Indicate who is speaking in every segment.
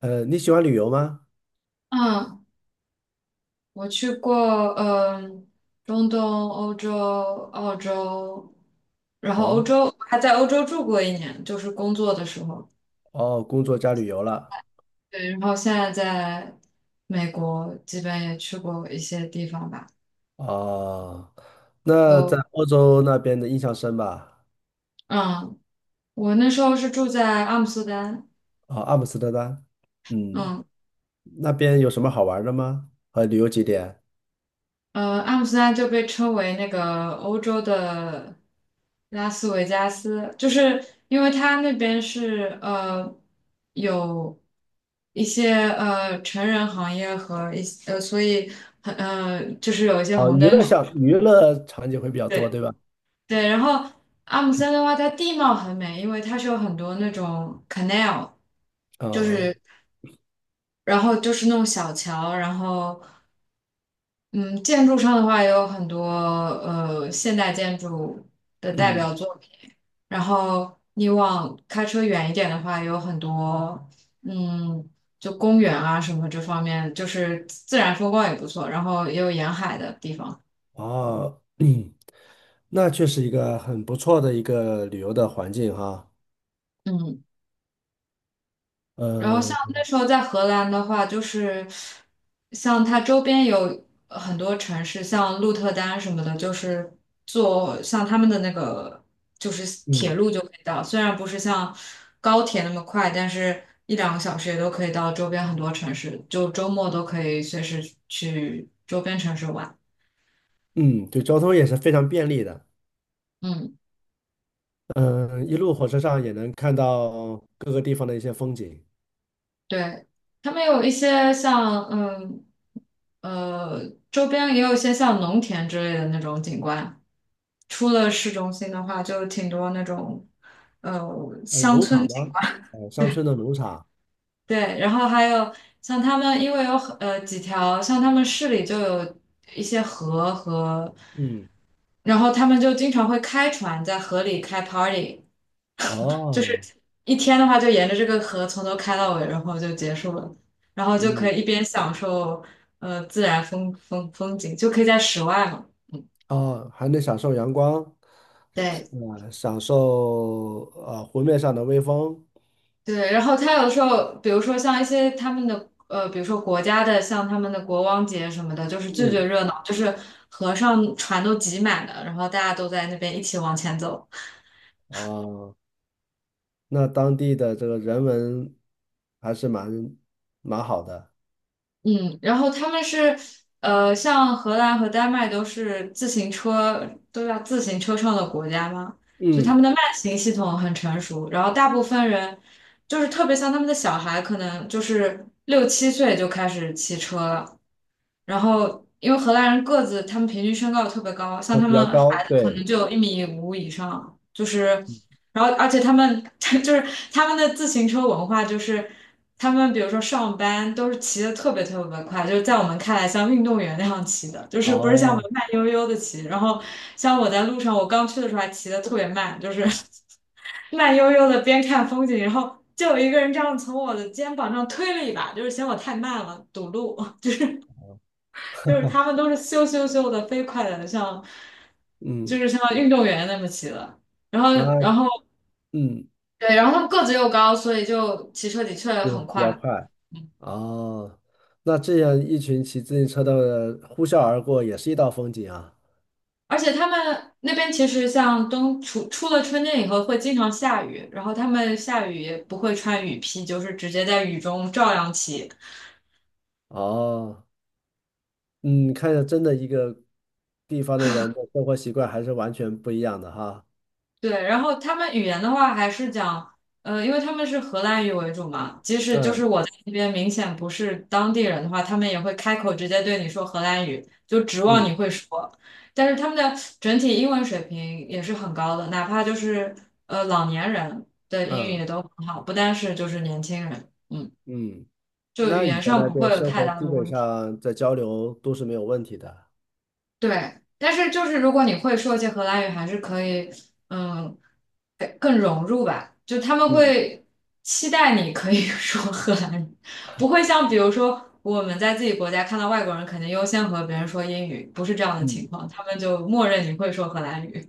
Speaker 1: 你喜欢旅游吗？
Speaker 2: 嗯，我去过，嗯，中东、欧洲、澳洲，然后欧
Speaker 1: 哦
Speaker 2: 洲还在欧洲住过一年，就是工作的时候。
Speaker 1: 哦，工作加旅游了。
Speaker 2: 对，然后现在在美国，基本也去过一些地方吧。
Speaker 1: 哦，那在
Speaker 2: 有，
Speaker 1: 欧洲那边的印象深吧？
Speaker 2: 嗯，我那时候是住在阿姆斯特丹。
Speaker 1: 啊，阿姆斯特丹，嗯，
Speaker 2: 嗯，
Speaker 1: 那边有什么好玩的吗？和旅游景点？
Speaker 2: 阿姆斯特丹就被称为那个欧洲的拉斯维加斯，就是因为它那边是有一些成人行业和一些，所以很就是有一些
Speaker 1: 哦，
Speaker 2: 红
Speaker 1: 娱
Speaker 2: 灯
Speaker 1: 乐
Speaker 2: 区。
Speaker 1: 项娱乐场景会比较多，
Speaker 2: 对
Speaker 1: 对吧？
Speaker 2: 对。然后阿姆斯特丹的话，它地貌很美，因为它是有很多那种 canal，就
Speaker 1: 哦，
Speaker 2: 是然后就是那种小桥。然后嗯，建筑上的话也有很多现代建筑的代表
Speaker 1: 嗯，
Speaker 2: 作品。然后你往开车远一点的话，有很多嗯，就公园啊什么这方面，就是自然风光也不错，然后也有沿海的地方。
Speaker 1: 哦，那确实一个很不错的一个旅游的环境哈。
Speaker 2: 嗯。然后像
Speaker 1: 嗯
Speaker 2: 那时候在荷兰的话，就是像它周边有很多城市，像鹿特丹什么的，就是坐像他们的那个就是铁
Speaker 1: 嗯
Speaker 2: 路就可以到，虽然不是像高铁那么快，但是一两个小时也都可以到周边很多城市，就周末都可以随时去周边城市玩。
Speaker 1: 嗯，对，交通也是非常便利的。
Speaker 2: 嗯，
Speaker 1: 嗯，一路火车上也能看到各个地方的一些风景。
Speaker 2: 对，他们有一些像周边也有一些像农田之类的那种景观。出了市中心的话，就挺多那种，呃，
Speaker 1: 农场吗？乡
Speaker 2: 对，
Speaker 1: 村的农场。
Speaker 2: 对，然后还有像他们，因为有很几条，像他们市里就有一些河和。
Speaker 1: 嗯，
Speaker 2: 然后他们就经常会开船在河里开 party，就是
Speaker 1: 哦，
Speaker 2: 一天的话就沿着这个河从头开到尾，然后就结束了，然后就可
Speaker 1: 嗯，
Speaker 2: 以一边享受自然风景，就可以在室外嘛。
Speaker 1: 哦，还能享受阳光，是
Speaker 2: 对，
Speaker 1: 享受湖面上的微风。
Speaker 2: 对，然后他有时候，比如说像一些他们的比如说国家的，像他们的国王节什么的，就是最最
Speaker 1: 嗯，
Speaker 2: 热闹，就是河上船都挤满了，然后大家都在那边一起往前走。
Speaker 1: 哦，那当地的这个人文还是蛮好的。
Speaker 2: 嗯，然后他们是，像荷兰和丹麦都是自行车都要自行车上的国家嘛，就他
Speaker 1: 嗯，
Speaker 2: 们的慢行系统很成熟，然后大部分人就是特别像他们的小孩，可能就是6、7岁就开始骑车了。然后因为荷兰人个子，他们平均身高特别高，像
Speaker 1: 啊，
Speaker 2: 他
Speaker 1: 比
Speaker 2: 们
Speaker 1: 较高，
Speaker 2: 孩子可能
Speaker 1: 对。
Speaker 2: 就有1.5米以上，就是。然后而且他们 就是他们的自行车文化，就是他们比如说上班都是骑的特别特别快，就是在我们看来像运动员那样骑的，就是不是像我们
Speaker 1: 哦，
Speaker 2: 慢悠悠的骑。然后像我在路上，我刚去的时候还骑的特别慢，就是 慢悠悠的边看风景，然后就有一个人这样从我的肩膀上推了一把，就是嫌我太慢了，堵路。就是他们都是咻咻咻的飞快的，像就
Speaker 1: 嗯，
Speaker 2: 是像运动员那么骑的。然后，
Speaker 1: 那
Speaker 2: 然后。
Speaker 1: 嗯，
Speaker 2: 对，然后他们个子又高，所以就骑车的确
Speaker 1: 这
Speaker 2: 很
Speaker 1: 比较
Speaker 2: 快。
Speaker 1: 快。
Speaker 2: 嗯，
Speaker 1: 哦，那这样一群骑自行车的呼啸而过，也是一道风景啊。
Speaker 2: 而且他们那边其实像出了春天以后会经常下雨，然后他们下雨也不会穿雨披，就是直接在雨中照样骑。
Speaker 1: 哦，嗯，看着真的一个地方的人的生活习惯还是完全不一样的哈。
Speaker 2: 对，然后他们语言的话还是讲，因为他们是荷兰语为主嘛，即使就是
Speaker 1: 嗯
Speaker 2: 我在那边明显不是当地人的话，他们也会开口直接对你说荷兰语，就指望
Speaker 1: 嗯
Speaker 2: 你会说。但是他们的整体英文水平也是很高的，哪怕就是老年人的英语
Speaker 1: 嗯
Speaker 2: 也都很好，不单是就是年轻人。嗯，
Speaker 1: 嗯，
Speaker 2: 就语
Speaker 1: 那你
Speaker 2: 言
Speaker 1: 在
Speaker 2: 上
Speaker 1: 那
Speaker 2: 不会
Speaker 1: 边
Speaker 2: 有
Speaker 1: 生
Speaker 2: 太
Speaker 1: 活，
Speaker 2: 大
Speaker 1: 基
Speaker 2: 的
Speaker 1: 本
Speaker 2: 问题。
Speaker 1: 上在交流都是没有问题的。
Speaker 2: 对，但是就是如果你会说一些荷兰语，还是可以。嗯。就他们
Speaker 1: 嗯
Speaker 2: 会期待你可以 说荷兰语，不会像比如说我们在自己国家看到外国人，肯定优先和别人说英语，不是这样的情
Speaker 1: 嗯
Speaker 2: 况，他们就默认你会说荷兰语。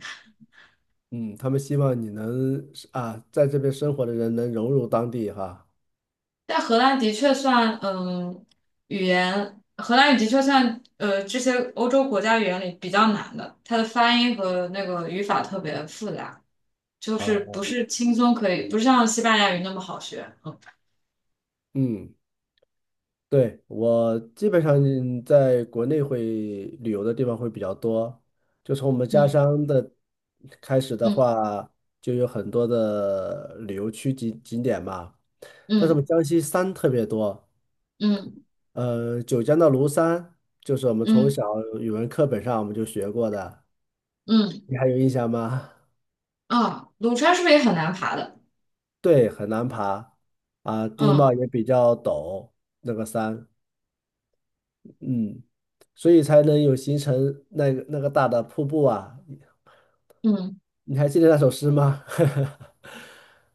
Speaker 1: 嗯，他们希望你能啊，在这边生活的人能融入当地哈。
Speaker 2: 但荷兰的确算，语言，荷兰语的确算，这些欧洲国家语言里比较难的，它的发音和那个语法特别复杂，就是
Speaker 1: 啊，
Speaker 2: 不是轻松可以，不是像西班牙语那么好学。
Speaker 1: 嗯。对，我基本上在国内会旅游的地方会比较多，就从我们家
Speaker 2: 嗯
Speaker 1: 乡的开始的
Speaker 2: 嗯
Speaker 1: 话，就有很多的旅游区景点嘛。但是我
Speaker 2: 嗯
Speaker 1: 们江西山特别多，
Speaker 2: 嗯嗯
Speaker 1: 九江的庐山就是我们
Speaker 2: 嗯嗯。
Speaker 1: 从
Speaker 2: 嗯
Speaker 1: 小语文课本上我们就学过的，
Speaker 2: 嗯
Speaker 1: 你还有印象吗？
Speaker 2: 啊，庐山是不是也很难爬的？
Speaker 1: 对，很难爬啊，地
Speaker 2: 嗯
Speaker 1: 貌也比较陡，那个山，嗯。所以才能有形成那个大的瀑布啊。
Speaker 2: 嗯，
Speaker 1: 你还记得那首诗吗？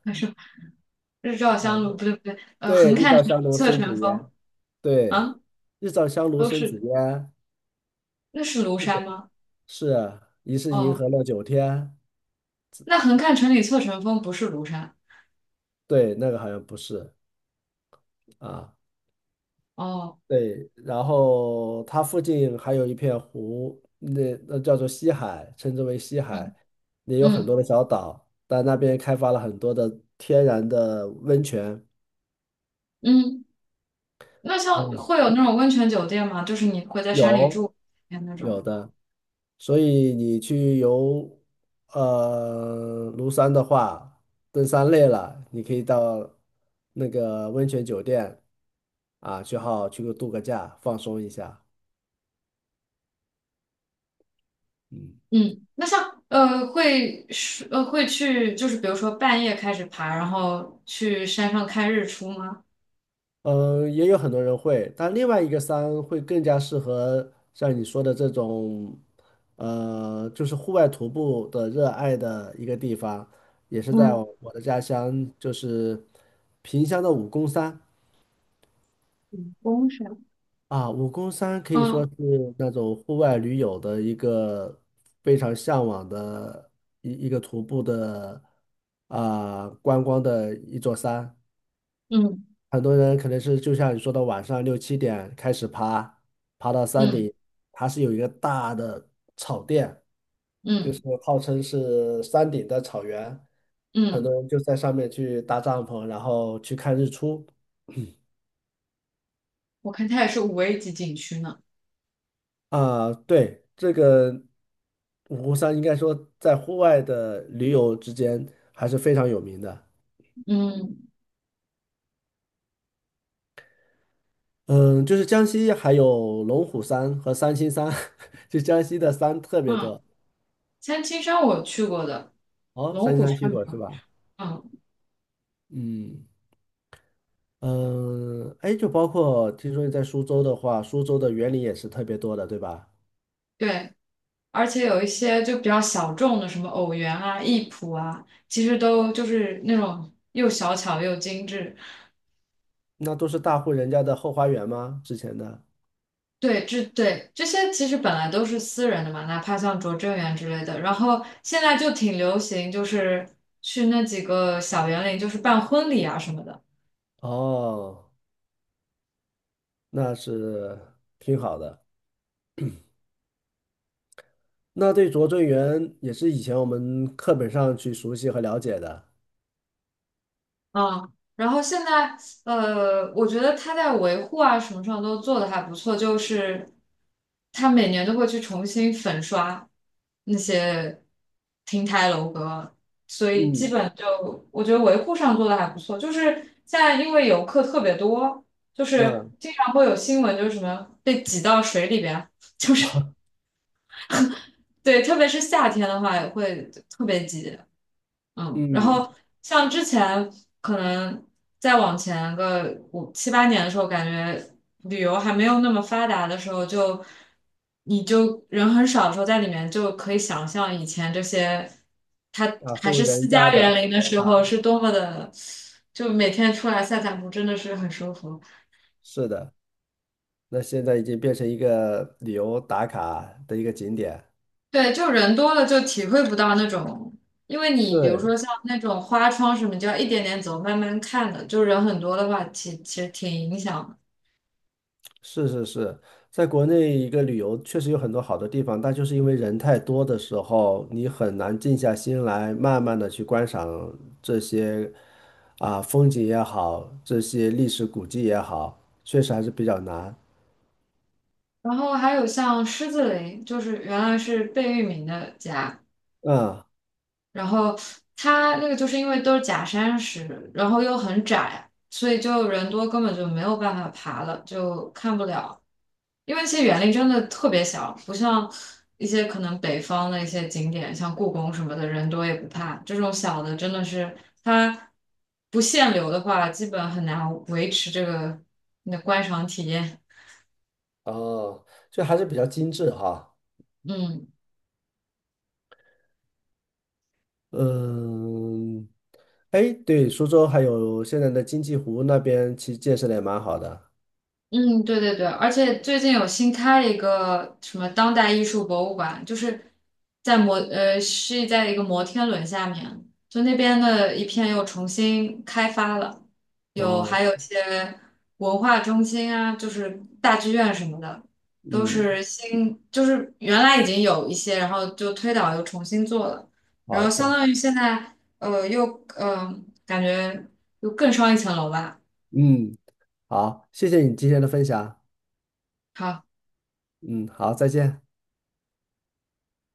Speaker 2: 还是日照
Speaker 1: 啊，
Speaker 2: 香炉，不对不对，
Speaker 1: 对，
Speaker 2: 横
Speaker 1: 日
Speaker 2: 看
Speaker 1: 照
Speaker 2: 成岭
Speaker 1: 香炉
Speaker 2: 侧
Speaker 1: 生紫
Speaker 2: 成峰。
Speaker 1: 烟，对，
Speaker 2: 啊，
Speaker 1: 日照香炉
Speaker 2: 都
Speaker 1: 生
Speaker 2: 是
Speaker 1: 紫
Speaker 2: 的。
Speaker 1: 烟，
Speaker 2: 那是庐山吗？
Speaker 1: 是啊疑是银
Speaker 2: 哦，
Speaker 1: 河落九天，
Speaker 2: 那横看成岭侧成峰不是庐山。
Speaker 1: 对，那个好像不是啊，
Speaker 2: 哦，
Speaker 1: 对，然后它附近还有一片湖，那叫做西海，称之为西
Speaker 2: 嗯
Speaker 1: 海，也有很多
Speaker 2: 嗯
Speaker 1: 的小岛，但那边开发了很多的天然的温泉。
Speaker 2: 嗯，那像会有那种温泉酒店吗？就是你会在山里
Speaker 1: 有
Speaker 2: 住哎那
Speaker 1: 有
Speaker 2: 种。
Speaker 1: 的，所以你去游庐山的话，登山累了，你可以到那个温泉酒店啊，去个度个假，放松一下。嗯
Speaker 2: 嗯，那像会是会去，就是比如说半夜开始爬，然后去山上看日出吗？
Speaker 1: 嗯，也有很多人会，但另外一个山会更加适合像你说的这种，就是户外徒步的热爱的一个地方，也是在
Speaker 2: 嗯，
Speaker 1: 我的家乡，就是萍乡的武功山。
Speaker 2: 嗯，公山。
Speaker 1: 啊，武功山可以说
Speaker 2: 嗯
Speaker 1: 是那种户外驴友的一个非常向往的一个徒步的啊、观光的一座山。
Speaker 2: 嗯
Speaker 1: 很多人可能是就像你说的，晚上六七点开始爬，爬到山
Speaker 2: 嗯。
Speaker 1: 顶，它是有一个大的草甸，就是
Speaker 2: 嗯
Speaker 1: 号称是山顶的草原，很多
Speaker 2: 嗯，
Speaker 1: 人就在上面去搭帐篷，然后去看日出。
Speaker 2: 我看它也是5A 级景区呢。
Speaker 1: 啊，对，这个五湖山应该说在户外的驴友之间还是非常有名的。
Speaker 2: 嗯
Speaker 1: 嗯，就是江西还有龙虎山和三清山，就江西的山特别
Speaker 2: 嗯，
Speaker 1: 多。
Speaker 2: 三清山我去过的，
Speaker 1: 哦，
Speaker 2: 龙
Speaker 1: 三清
Speaker 2: 虎
Speaker 1: 山去
Speaker 2: 山没
Speaker 1: 过是
Speaker 2: 有。
Speaker 1: 吧？
Speaker 2: 嗯，
Speaker 1: 嗯嗯，哎，就包括听说你在苏州的话，苏州的园林也是特别多的，对吧？
Speaker 2: 对，而且有一些就比较小众的，什么偶园啊、艺圃啊，其实都就是那种又小巧又精致。
Speaker 1: 那都是大户人家的后花园吗？之前的？
Speaker 2: 对，这对这些其实本来都是私人的嘛，哪怕像拙政园之类的，然后现在就挺流行，就是去那几个小园林，就是办婚礼啊什么的。
Speaker 1: 哦，那是挺好的。那对拙政园也是以前我们课本上去熟悉和了解的。
Speaker 2: 嗯，然后现在，我觉得他在维护啊什么上都做的还不错，就是他每年都会去重新粉刷那些亭台楼阁，所以基
Speaker 1: 嗯
Speaker 2: 本就我觉得维护上做的还不错。就是现在因为游客特别多，就是
Speaker 1: 嗯
Speaker 2: 经常会有新闻，就是什么被挤到水里边，对，特别是夏天的话也会特别挤。嗯，然
Speaker 1: 嗯，
Speaker 2: 后像之前可能再往前个5、7、8年的时候，感觉旅游还没有那么发达的时候就，你就人很少的时候，在里面就可以想象以前这些，它
Speaker 1: 大
Speaker 2: 还
Speaker 1: 户
Speaker 2: 是私
Speaker 1: 人
Speaker 2: 家
Speaker 1: 家
Speaker 2: 园
Speaker 1: 的
Speaker 2: 林的时候
Speaker 1: 啊，
Speaker 2: 是多么的，就每天出来散散步真的是很舒服。
Speaker 1: 是的，那现在已经变成一个旅游打卡的一个景点。
Speaker 2: 对，就人多了就体会不到那种，因为你比如
Speaker 1: 对，
Speaker 2: 说像那种花窗什么，你就要一点点走，慢慢看的，就人很多的话，其实挺影响的。
Speaker 1: 是是是，在国内一个旅游确实有很多好的地方，但就是因为人太多的时候，你很难静下心来，慢慢的去观赏这些啊风景也好，这些历史古迹也好，确实还是比较难。
Speaker 2: 然后还有像狮子林，就是原来是贝聿铭的家，
Speaker 1: 嗯。
Speaker 2: 然后它那个就是因为都是假山石，然后又很窄，所以就人多根本就没有办法爬了，就看不了。因为其实园林真的特别小，不像一些可能北方的一些景点，像故宫什么的，人多也不怕。这种小的真的是它不限流的话，基本很难维持这个你的观赏体验。
Speaker 1: 哦，就还是比较精致哈。
Speaker 2: 嗯。
Speaker 1: 嗯，哎，对，苏州还有现在的金鸡湖那边，其实建设的也蛮好的。
Speaker 2: 嗯，对对对，而且最近有新开了一个什么当代艺术博物馆，就是在摩呃是在一个摩天轮下面，就那边的一片又重新开发了，有
Speaker 1: 哦，
Speaker 2: 还有一些文化中心啊，就是大剧院什么的，都
Speaker 1: 嗯，
Speaker 2: 是新，就是原来已经有一些，然后就推倒又重新做了，然
Speaker 1: 好
Speaker 2: 后相
Speaker 1: 的，
Speaker 2: 当于现在又呃感觉又更上一层楼吧。
Speaker 1: 嗯，好，谢谢你今天的分享。
Speaker 2: 好。
Speaker 1: 嗯，好，再见。